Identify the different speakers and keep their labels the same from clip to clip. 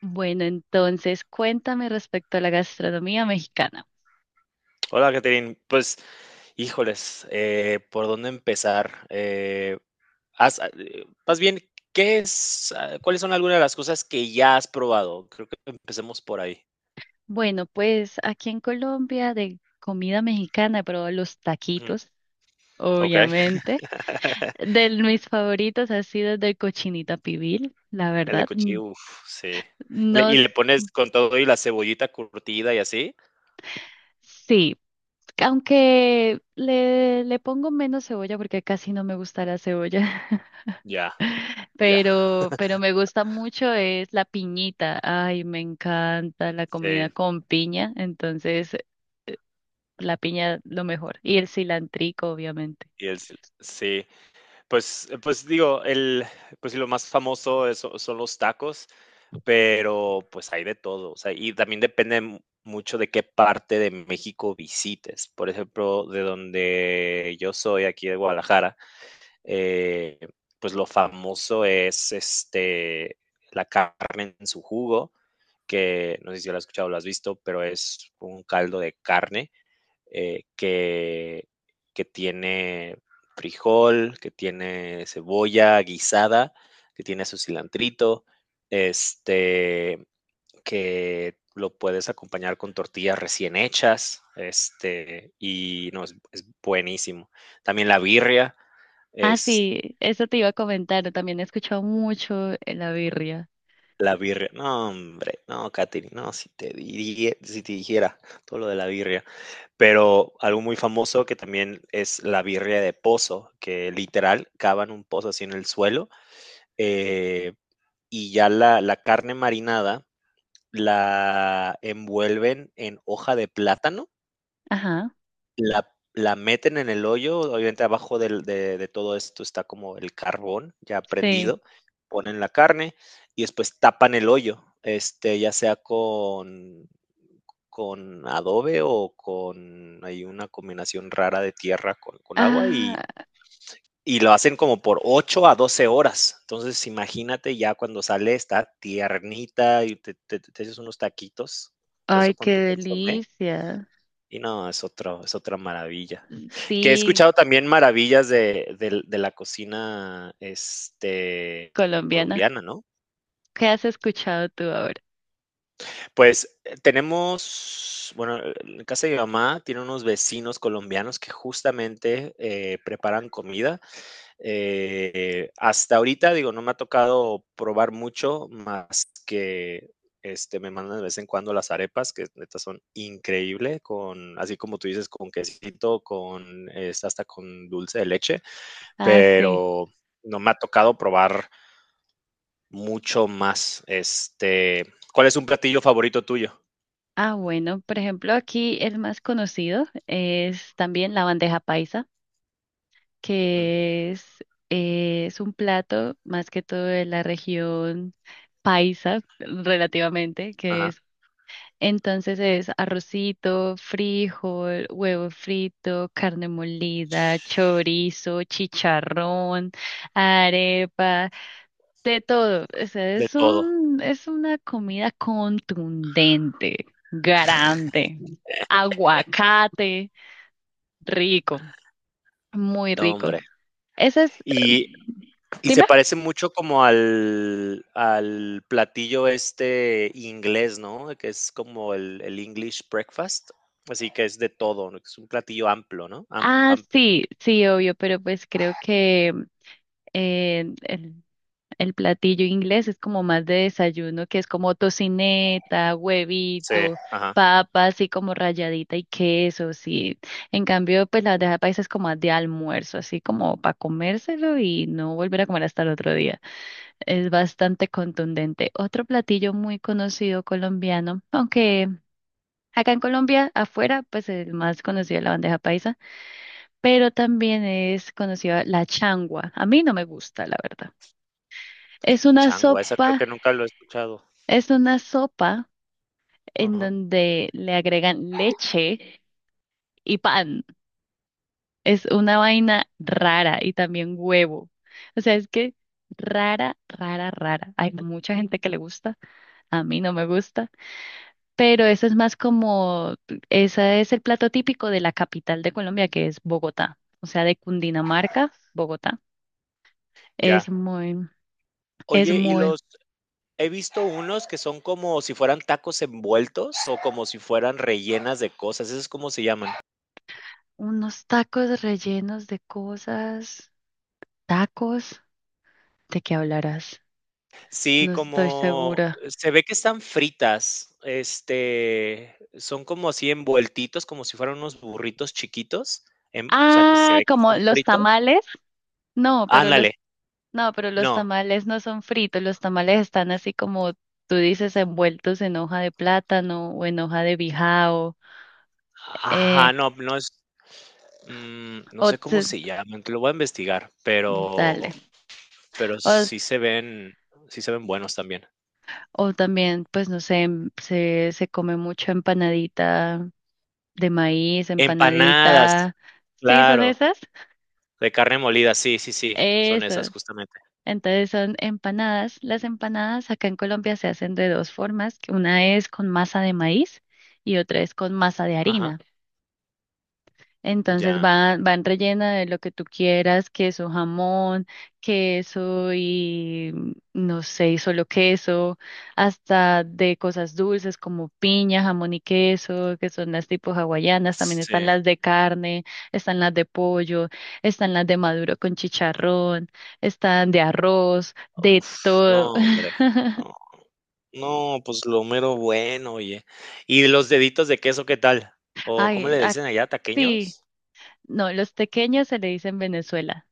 Speaker 1: Bueno, entonces cuéntame respecto a la gastronomía mexicana.
Speaker 2: Hola, Catherine. Pues, híjoles, ¿por dónde empezar? Más bien, ¿cuáles son algunas de las cosas que ya has probado? Creo que empecemos por ahí.
Speaker 1: Bueno, pues aquí en Colombia de comida mexicana he probado los
Speaker 2: Ujú.
Speaker 1: taquitos,
Speaker 2: Okey.
Speaker 1: obviamente. De mis favoritos ha sido el de cochinita pibil, la
Speaker 2: El de
Speaker 1: verdad. Mm,
Speaker 2: cuchillo, uf, sí. Le
Speaker 1: no,
Speaker 2: ¿Y le pones con todo y la cebollita curtida y así?
Speaker 1: sí, aunque le pongo menos cebolla porque casi no me gusta la cebolla,
Speaker 2: Ya, ya.
Speaker 1: pero me gusta mucho es la piñita. Ay, me encanta la
Speaker 2: Sí,
Speaker 1: comida con piña, entonces la piña lo mejor. Y el cilantrico, obviamente.
Speaker 2: sí. Pues pues, digo, el pues, sí, lo más famoso es son los tacos. Pero, pues, hay de todo, o sea, y también depende mu mucho de qué parte de México visites. Por ejemplo, de donde yo soy, aquí de Guadalajara, eh, pues lo famoso es la carne en su jugo, que no sé si lo has escuchado o lo has visto, pero es un caldo de carne eh, que, que tiene frijol, que tiene cebolla guisada, que tiene su cilantrito, este, que lo puedes acompañar con tortillas recién hechas, y no, es buenísimo. También la birria,
Speaker 1: Ah,
Speaker 2: es
Speaker 1: sí, eso te iba a comentar. También he escuchado mucho la birria.
Speaker 2: la birria. No, hombre, no, Katherine, no, si te dijera todo lo de la birria, pero algo muy famoso que también es la birria de pozo, que literal cavan un pozo así en el suelo, eh, y ya la carne marinada la envuelven en hoja de plátano.
Speaker 1: Ajá,
Speaker 2: La la meten en el hoyo. Obviamente, abajo del de todo esto está como el carbón ya
Speaker 1: sí.
Speaker 2: prendido, ponen la carne y después tapan el hoyo, ya sea con adobe, o con, hay una combinación rara de tierra con agua, y
Speaker 1: Ah,
Speaker 2: y lo hacen como por 8 a 12 horas. Entonces, imagínate, ya cuando sale está tiernita y te echas unos taquitos,
Speaker 1: ay,
Speaker 2: eso con
Speaker 1: qué
Speaker 2: tu consomé.
Speaker 1: delicia.
Speaker 2: Y no, es otra maravilla. Que he
Speaker 1: Sí,
Speaker 2: escuchado también maravillas de la cocina,
Speaker 1: colombiana.
Speaker 2: colombiana, ¿no?
Speaker 1: ¿Qué has escuchado tú ahora?
Speaker 2: Pues tenemos, bueno, en casa de mi mamá tiene unos vecinos colombianos que justamente preparan comida. Hasta ahorita, digo, no me ha tocado probar mucho más que, me mandan de vez en cuando las arepas, que neta son increíbles con, así como tú dices, con quesito, con, es hasta con dulce de leche,
Speaker 1: Ah, sí.
Speaker 2: pero no me ha tocado probar mucho más. ¿Cuál es un platillo favorito tuyo?
Speaker 1: Ah, bueno, por ejemplo, aquí el más conocido es también la bandeja paisa,
Speaker 2: Mm.
Speaker 1: que es un plato más que todo de la región paisa, relativamente, que
Speaker 2: Ajá.
Speaker 1: es entonces es arrocito, frijol, huevo frito, carne molida, chorizo, chicharrón, arepa, de todo. O sea,
Speaker 2: De todo,
Speaker 1: es una comida contundente, grande, aguacate, rico, muy
Speaker 2: no, hombre.
Speaker 1: rico. Esa es,
Speaker 2: Y Y se
Speaker 1: dime.
Speaker 2: parece mucho como al platillo este inglés, ¿no? Que es como el English breakfast. Así que es de todo, ¿no? Es un platillo amplio, ¿no?
Speaker 1: Ah,
Speaker 2: Amplio.
Speaker 1: sí, sí, obvio, pero pues creo que eh, el, el platillo inglés es como más de desayuno, que es como tocineta,
Speaker 2: Sí,
Speaker 1: huevito,
Speaker 2: ajá.
Speaker 1: papa, así como rayadita y queso, sí. En cambio, pues la bandeja paisa es como más de almuerzo, así como para comérselo y no volver a comer hasta el otro día. Es bastante contundente. Otro platillo muy conocido colombiano, aunque acá en Colombia, afuera, pues el más conocido es la bandeja paisa, pero también es conocida la changua. A mí no me gusta, la verdad. Es una
Speaker 2: Changua, esa creo
Speaker 1: sopa,
Speaker 2: que nunca lo he escuchado.
Speaker 1: es una sopa en
Speaker 2: Ajá.
Speaker 1: donde le agregan leche y pan. Es una vaina rara y también huevo. O sea, es que rara, rara, rara. Hay mucha gente que le gusta, a mí no me gusta, pero eso es más como, ese es el plato típico de la capital de Colombia, que es Bogotá. O sea, de Cundinamarca, Bogotá.
Speaker 2: Ya.
Speaker 1: Es muy, es
Speaker 2: Oye, y
Speaker 1: muy,
Speaker 2: los he visto unos que son como si fueran tacos envueltos, o como si fueran rellenas de cosas. ¿Eso es cómo se llaman?
Speaker 1: unos tacos rellenos de cosas, tacos. ¿De qué hablarás?
Speaker 2: Sí,
Speaker 1: No estoy
Speaker 2: como,
Speaker 1: segura.
Speaker 2: se ve que están fritas, son como así envueltitos, como si fueran unos burritos chiquitos, o sea, que se
Speaker 1: Ah,
Speaker 2: ve que
Speaker 1: como
Speaker 2: son
Speaker 1: los
Speaker 2: fritos.
Speaker 1: tamales. No, pero los,
Speaker 2: Ándale,
Speaker 1: no, pero los
Speaker 2: no,
Speaker 1: tamales no son fritos. Los tamales están así como tú dices, envueltos en hoja de plátano o en hoja de bijao. Eh,
Speaker 2: ajá, no, no es, no
Speaker 1: o
Speaker 2: sé cómo
Speaker 1: se-
Speaker 2: se llaman, te lo voy a investigar, pero
Speaker 1: dale.
Speaker 2: pero
Speaker 1: O,
Speaker 2: sí se ven sí se ven buenos también.
Speaker 1: o también, pues no sé, se come mucho empanadita de maíz,
Speaker 2: Empanadas,
Speaker 1: empanadita. ¿Sí son
Speaker 2: claro,
Speaker 1: esas?
Speaker 2: de carne molida, sí, sí, sí, son
Speaker 1: Eso.
Speaker 2: esas justamente.
Speaker 1: Entonces son empanadas. Las empanadas acá en Colombia se hacen de dos formas. Una es con masa de maíz y otra es con masa de
Speaker 2: Ajá,
Speaker 1: harina. Entonces
Speaker 2: ya,
Speaker 1: van, van rellena de lo que tú quieras, queso, jamón, queso y mm, no sé, y solo queso, hasta de cosas dulces como piña, jamón y queso, que son las tipo hawaianas, también están
Speaker 2: sí.
Speaker 1: las de carne, están las de pollo, están las de maduro con chicharrón, están de arroz, de
Speaker 2: Uf, no,
Speaker 1: todo.
Speaker 2: hombre. No, no, pues lo mero bueno, oye. ¿Y los deditos de queso qué tal? ¿O cómo
Speaker 1: Ay,
Speaker 2: le dicen allá,
Speaker 1: sí,
Speaker 2: taqueños?
Speaker 1: no, los tequeños se le dicen Venezuela.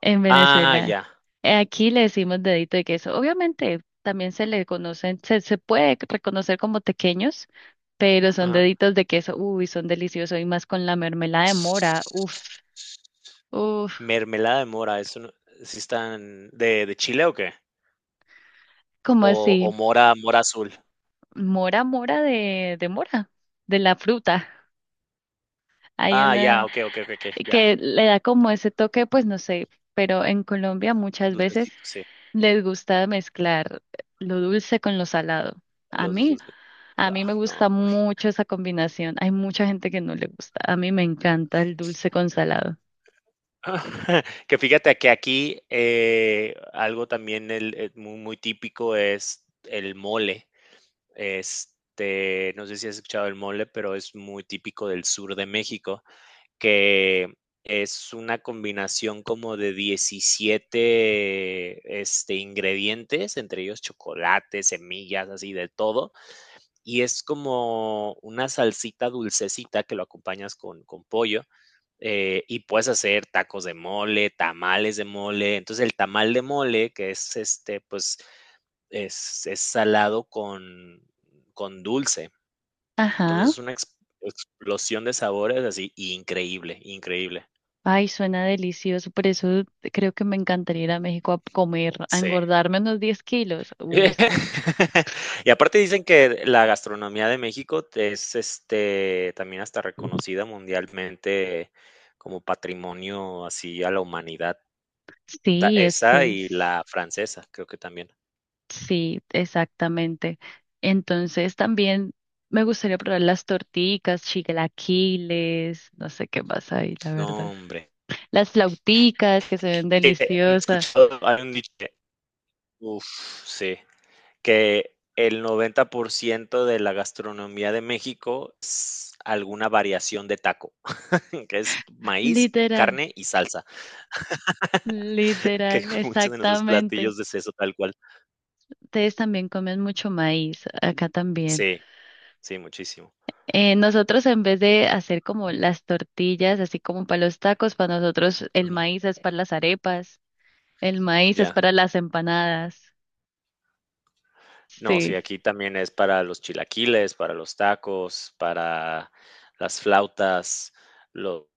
Speaker 1: En
Speaker 2: Ah,
Speaker 1: Venezuela,
Speaker 2: ya.
Speaker 1: aquí le decimos dedito de queso. Obviamente también se le conocen, se puede reconocer como tequeños, pero son
Speaker 2: Ajá.
Speaker 1: deditos de queso. Uy, son deliciosos y más con la mermelada de mora. Uf, uf,
Speaker 2: Mermelada de mora, eso no. ¿Sí están de chile o qué?
Speaker 1: ¿cómo
Speaker 2: ¿O
Speaker 1: así?
Speaker 2: mora azul?
Speaker 1: Mora, mora de mora, de la fruta. Hay
Speaker 2: Ah, ya,
Speaker 1: una
Speaker 2: okey, okey, okey, okey, ya.
Speaker 1: que le da como ese toque, pues no sé, pero en Colombia muchas veces
Speaker 2: Dulcecito, sí,
Speaker 1: les gusta mezclar lo dulce con lo salado. A
Speaker 2: los
Speaker 1: mí.
Speaker 2: dulces.
Speaker 1: A
Speaker 2: Wow,
Speaker 1: mí me
Speaker 2: no,
Speaker 1: gusta
Speaker 2: hombre.
Speaker 1: mucho esa combinación. Hay mucha gente que no le gusta. A mí me encanta el dulce con salado.
Speaker 2: Que fíjate que aquí, algo también el muy, muy típico es el mole. No sé si has escuchado el mole, pero es muy típico del sur de México, que es una combinación como de 17, ingredientes, entre ellos chocolate, semillas, así de todo, y es como una salsita dulcecita que lo acompañas con pollo. Y puedes hacer tacos de mole, tamales de mole. Entonces el tamal de mole, que es, pues, es salado con dulce.
Speaker 1: Ajá.
Speaker 2: Entonces es una explosión de sabores así, increíble, increíble.
Speaker 1: Ay, suena delicioso. Por eso creo que me encantaría ir a México a comer, a
Speaker 2: Sí.
Speaker 1: engordarme unos 10 kilos. Uy, sí,
Speaker 2: Y aparte dicen que la gastronomía de México es, también, hasta reconocida mundialmente como patrimonio así a la humanidad.
Speaker 1: sí,
Speaker 2: Esa y la francesa, creo que también.
Speaker 1: sí, exactamente. Entonces también me gustaría probar las torticas, chilaquiles, no sé qué pasa ahí, la
Speaker 2: No,
Speaker 1: verdad.
Speaker 2: hombre.
Speaker 1: Las flauticas que se ven
Speaker 2: Eh, He
Speaker 1: deliciosas.
Speaker 2: escuchado, hay un dicho, uf, sí, que el 90% de la gastronomía de México es alguna variación de taco, que es maíz,
Speaker 1: Literal.
Speaker 2: carne y salsa, que
Speaker 1: Literal,
Speaker 2: con muchos de nuestros
Speaker 1: exactamente.
Speaker 2: platillos es eso, tal cual.
Speaker 1: Ustedes también comen mucho maíz, acá también.
Speaker 2: Sí, sí, muchísimo.
Speaker 1: Nosotros en vez de hacer como las tortillas, así como para los tacos, para nosotros el
Speaker 2: Ujú,
Speaker 1: maíz es para las arepas, el maíz es
Speaker 2: ya.
Speaker 1: para las empanadas.
Speaker 2: No, sí,
Speaker 1: Sí,
Speaker 2: aquí también es para los chilaquiles, para los tacos, para las flautas, los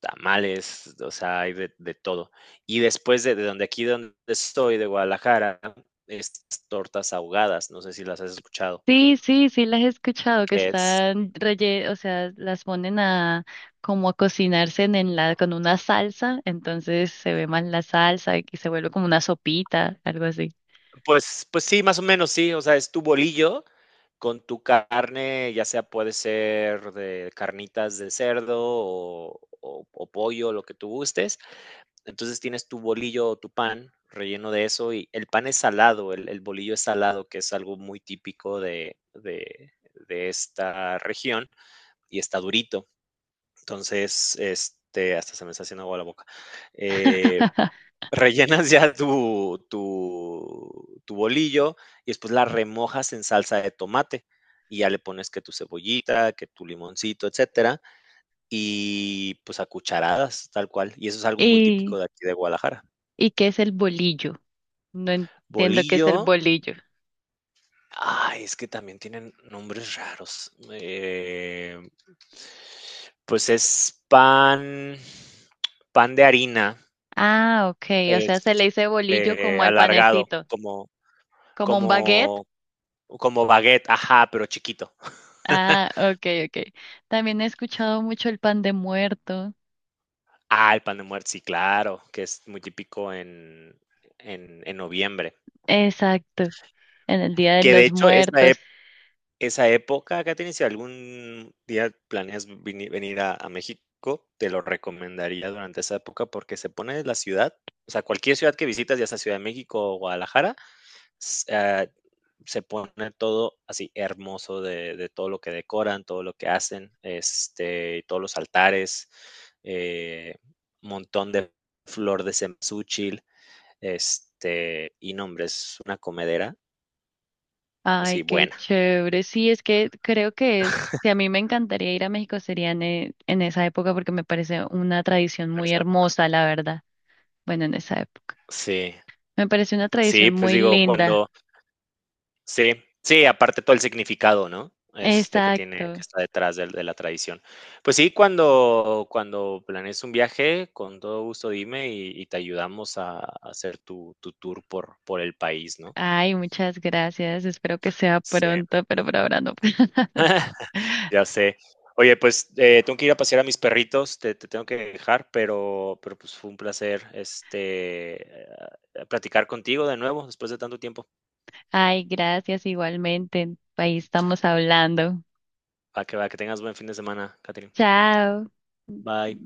Speaker 2: tamales, o sea, hay de todo. Y después de donde, aquí donde estoy, de Guadalajara, estas tortas ahogadas, no sé si las has escuchado,
Speaker 1: sí, sí, sí, las he escuchado que
Speaker 2: que es
Speaker 1: están o sea, las ponen a como a cocinarse en la con una salsa, entonces se ve más la salsa y que se vuelve como una sopita, algo así.
Speaker 2: pues, sí, más o menos, sí, o sea, es tu bolillo. Con tu carne, ya sea puede ser de carnitas de cerdo, o pollo, lo que tú gustes. Entonces, tienes tu bolillo o tu pan relleno de eso, y el pan es salado, el bolillo es salado, que es algo muy típico de esta región, y está durito. Entonces, hasta se me está haciendo agua la boca. Eh, Rellenas ya tu bolillo y después la remojas en salsa de tomate, y ya le pones que tu cebollita, que tu limoncito, etcétera, y pues a cucharadas, tal cual, y eso es algo muy típico
Speaker 1: Y
Speaker 2: de aquí de Guadalajara.
Speaker 1: ¿y qué es el bolillo? No entiendo qué es
Speaker 2: Bolillo,
Speaker 1: el bolillo.
Speaker 2: ay, es que también tienen nombres raros, pues es pan de harina,
Speaker 1: Ah, ok, o sea, se le dice bolillo como al
Speaker 2: alargado,
Speaker 1: panecito, como un baguette.
Speaker 2: como Como baguette, ajá, pero chiquito.
Speaker 1: Ah, ok, ok. También he escuchado mucho el pan de muerto.
Speaker 2: Ah, el pan de muerto, sí, claro, que es muy típico en, noviembre.
Speaker 1: Exacto, en el Día de
Speaker 2: Que de
Speaker 1: los
Speaker 2: hecho,
Speaker 1: Muertos.
Speaker 2: esa época, Katherine, si algún día planeas venir a México, te lo recomendaría durante esa época, porque se pone la ciudad, o sea, cualquier ciudad que visitas, ya sea Ciudad de México o Guadalajara, s- ah, se pone todo así hermoso de todo lo que decoran, todo lo que hacen, todos los altares, eh, montón de flor de cempasúchil, y nombre, es una comedera,
Speaker 1: Ay,
Speaker 2: sí,
Speaker 1: qué
Speaker 2: buena
Speaker 1: chévere. Sí, es que creo que si a mí me encantaría ir a México sería en, en esa época porque me parece una tradición
Speaker 2: en
Speaker 1: muy
Speaker 2: esa época.
Speaker 1: hermosa, la verdad. Bueno, en esa época.
Speaker 2: Sí,
Speaker 1: Me parece una
Speaker 2: sí,
Speaker 1: tradición
Speaker 2: pues
Speaker 1: muy
Speaker 2: digo,
Speaker 1: linda.
Speaker 2: sí, sí, aparte todo el significado, ¿no? Este que tiene, que
Speaker 1: Exacto.
Speaker 2: está detrás del de la tradición. Pues sí, cuando planees un viaje, con todo gusto dime y te ayudamos a hacer tu tour por el país, ¿no?
Speaker 1: Ay, muchas gracias. Espero que sea
Speaker 2: Sí,
Speaker 1: pronto, pero por ahora no.
Speaker 2: ya sé. Oye, pues, tengo que ir a pasear a mis perritos, te tengo que dejar, pero pues, fue un placer, platicar contigo de nuevo después de tanto tiempo.
Speaker 1: Ay, gracias igualmente. Ahí estamos hablando.
Speaker 2: Para que va, que tengas buen fin de semana, Catherine.
Speaker 1: Chao.
Speaker 2: Bye.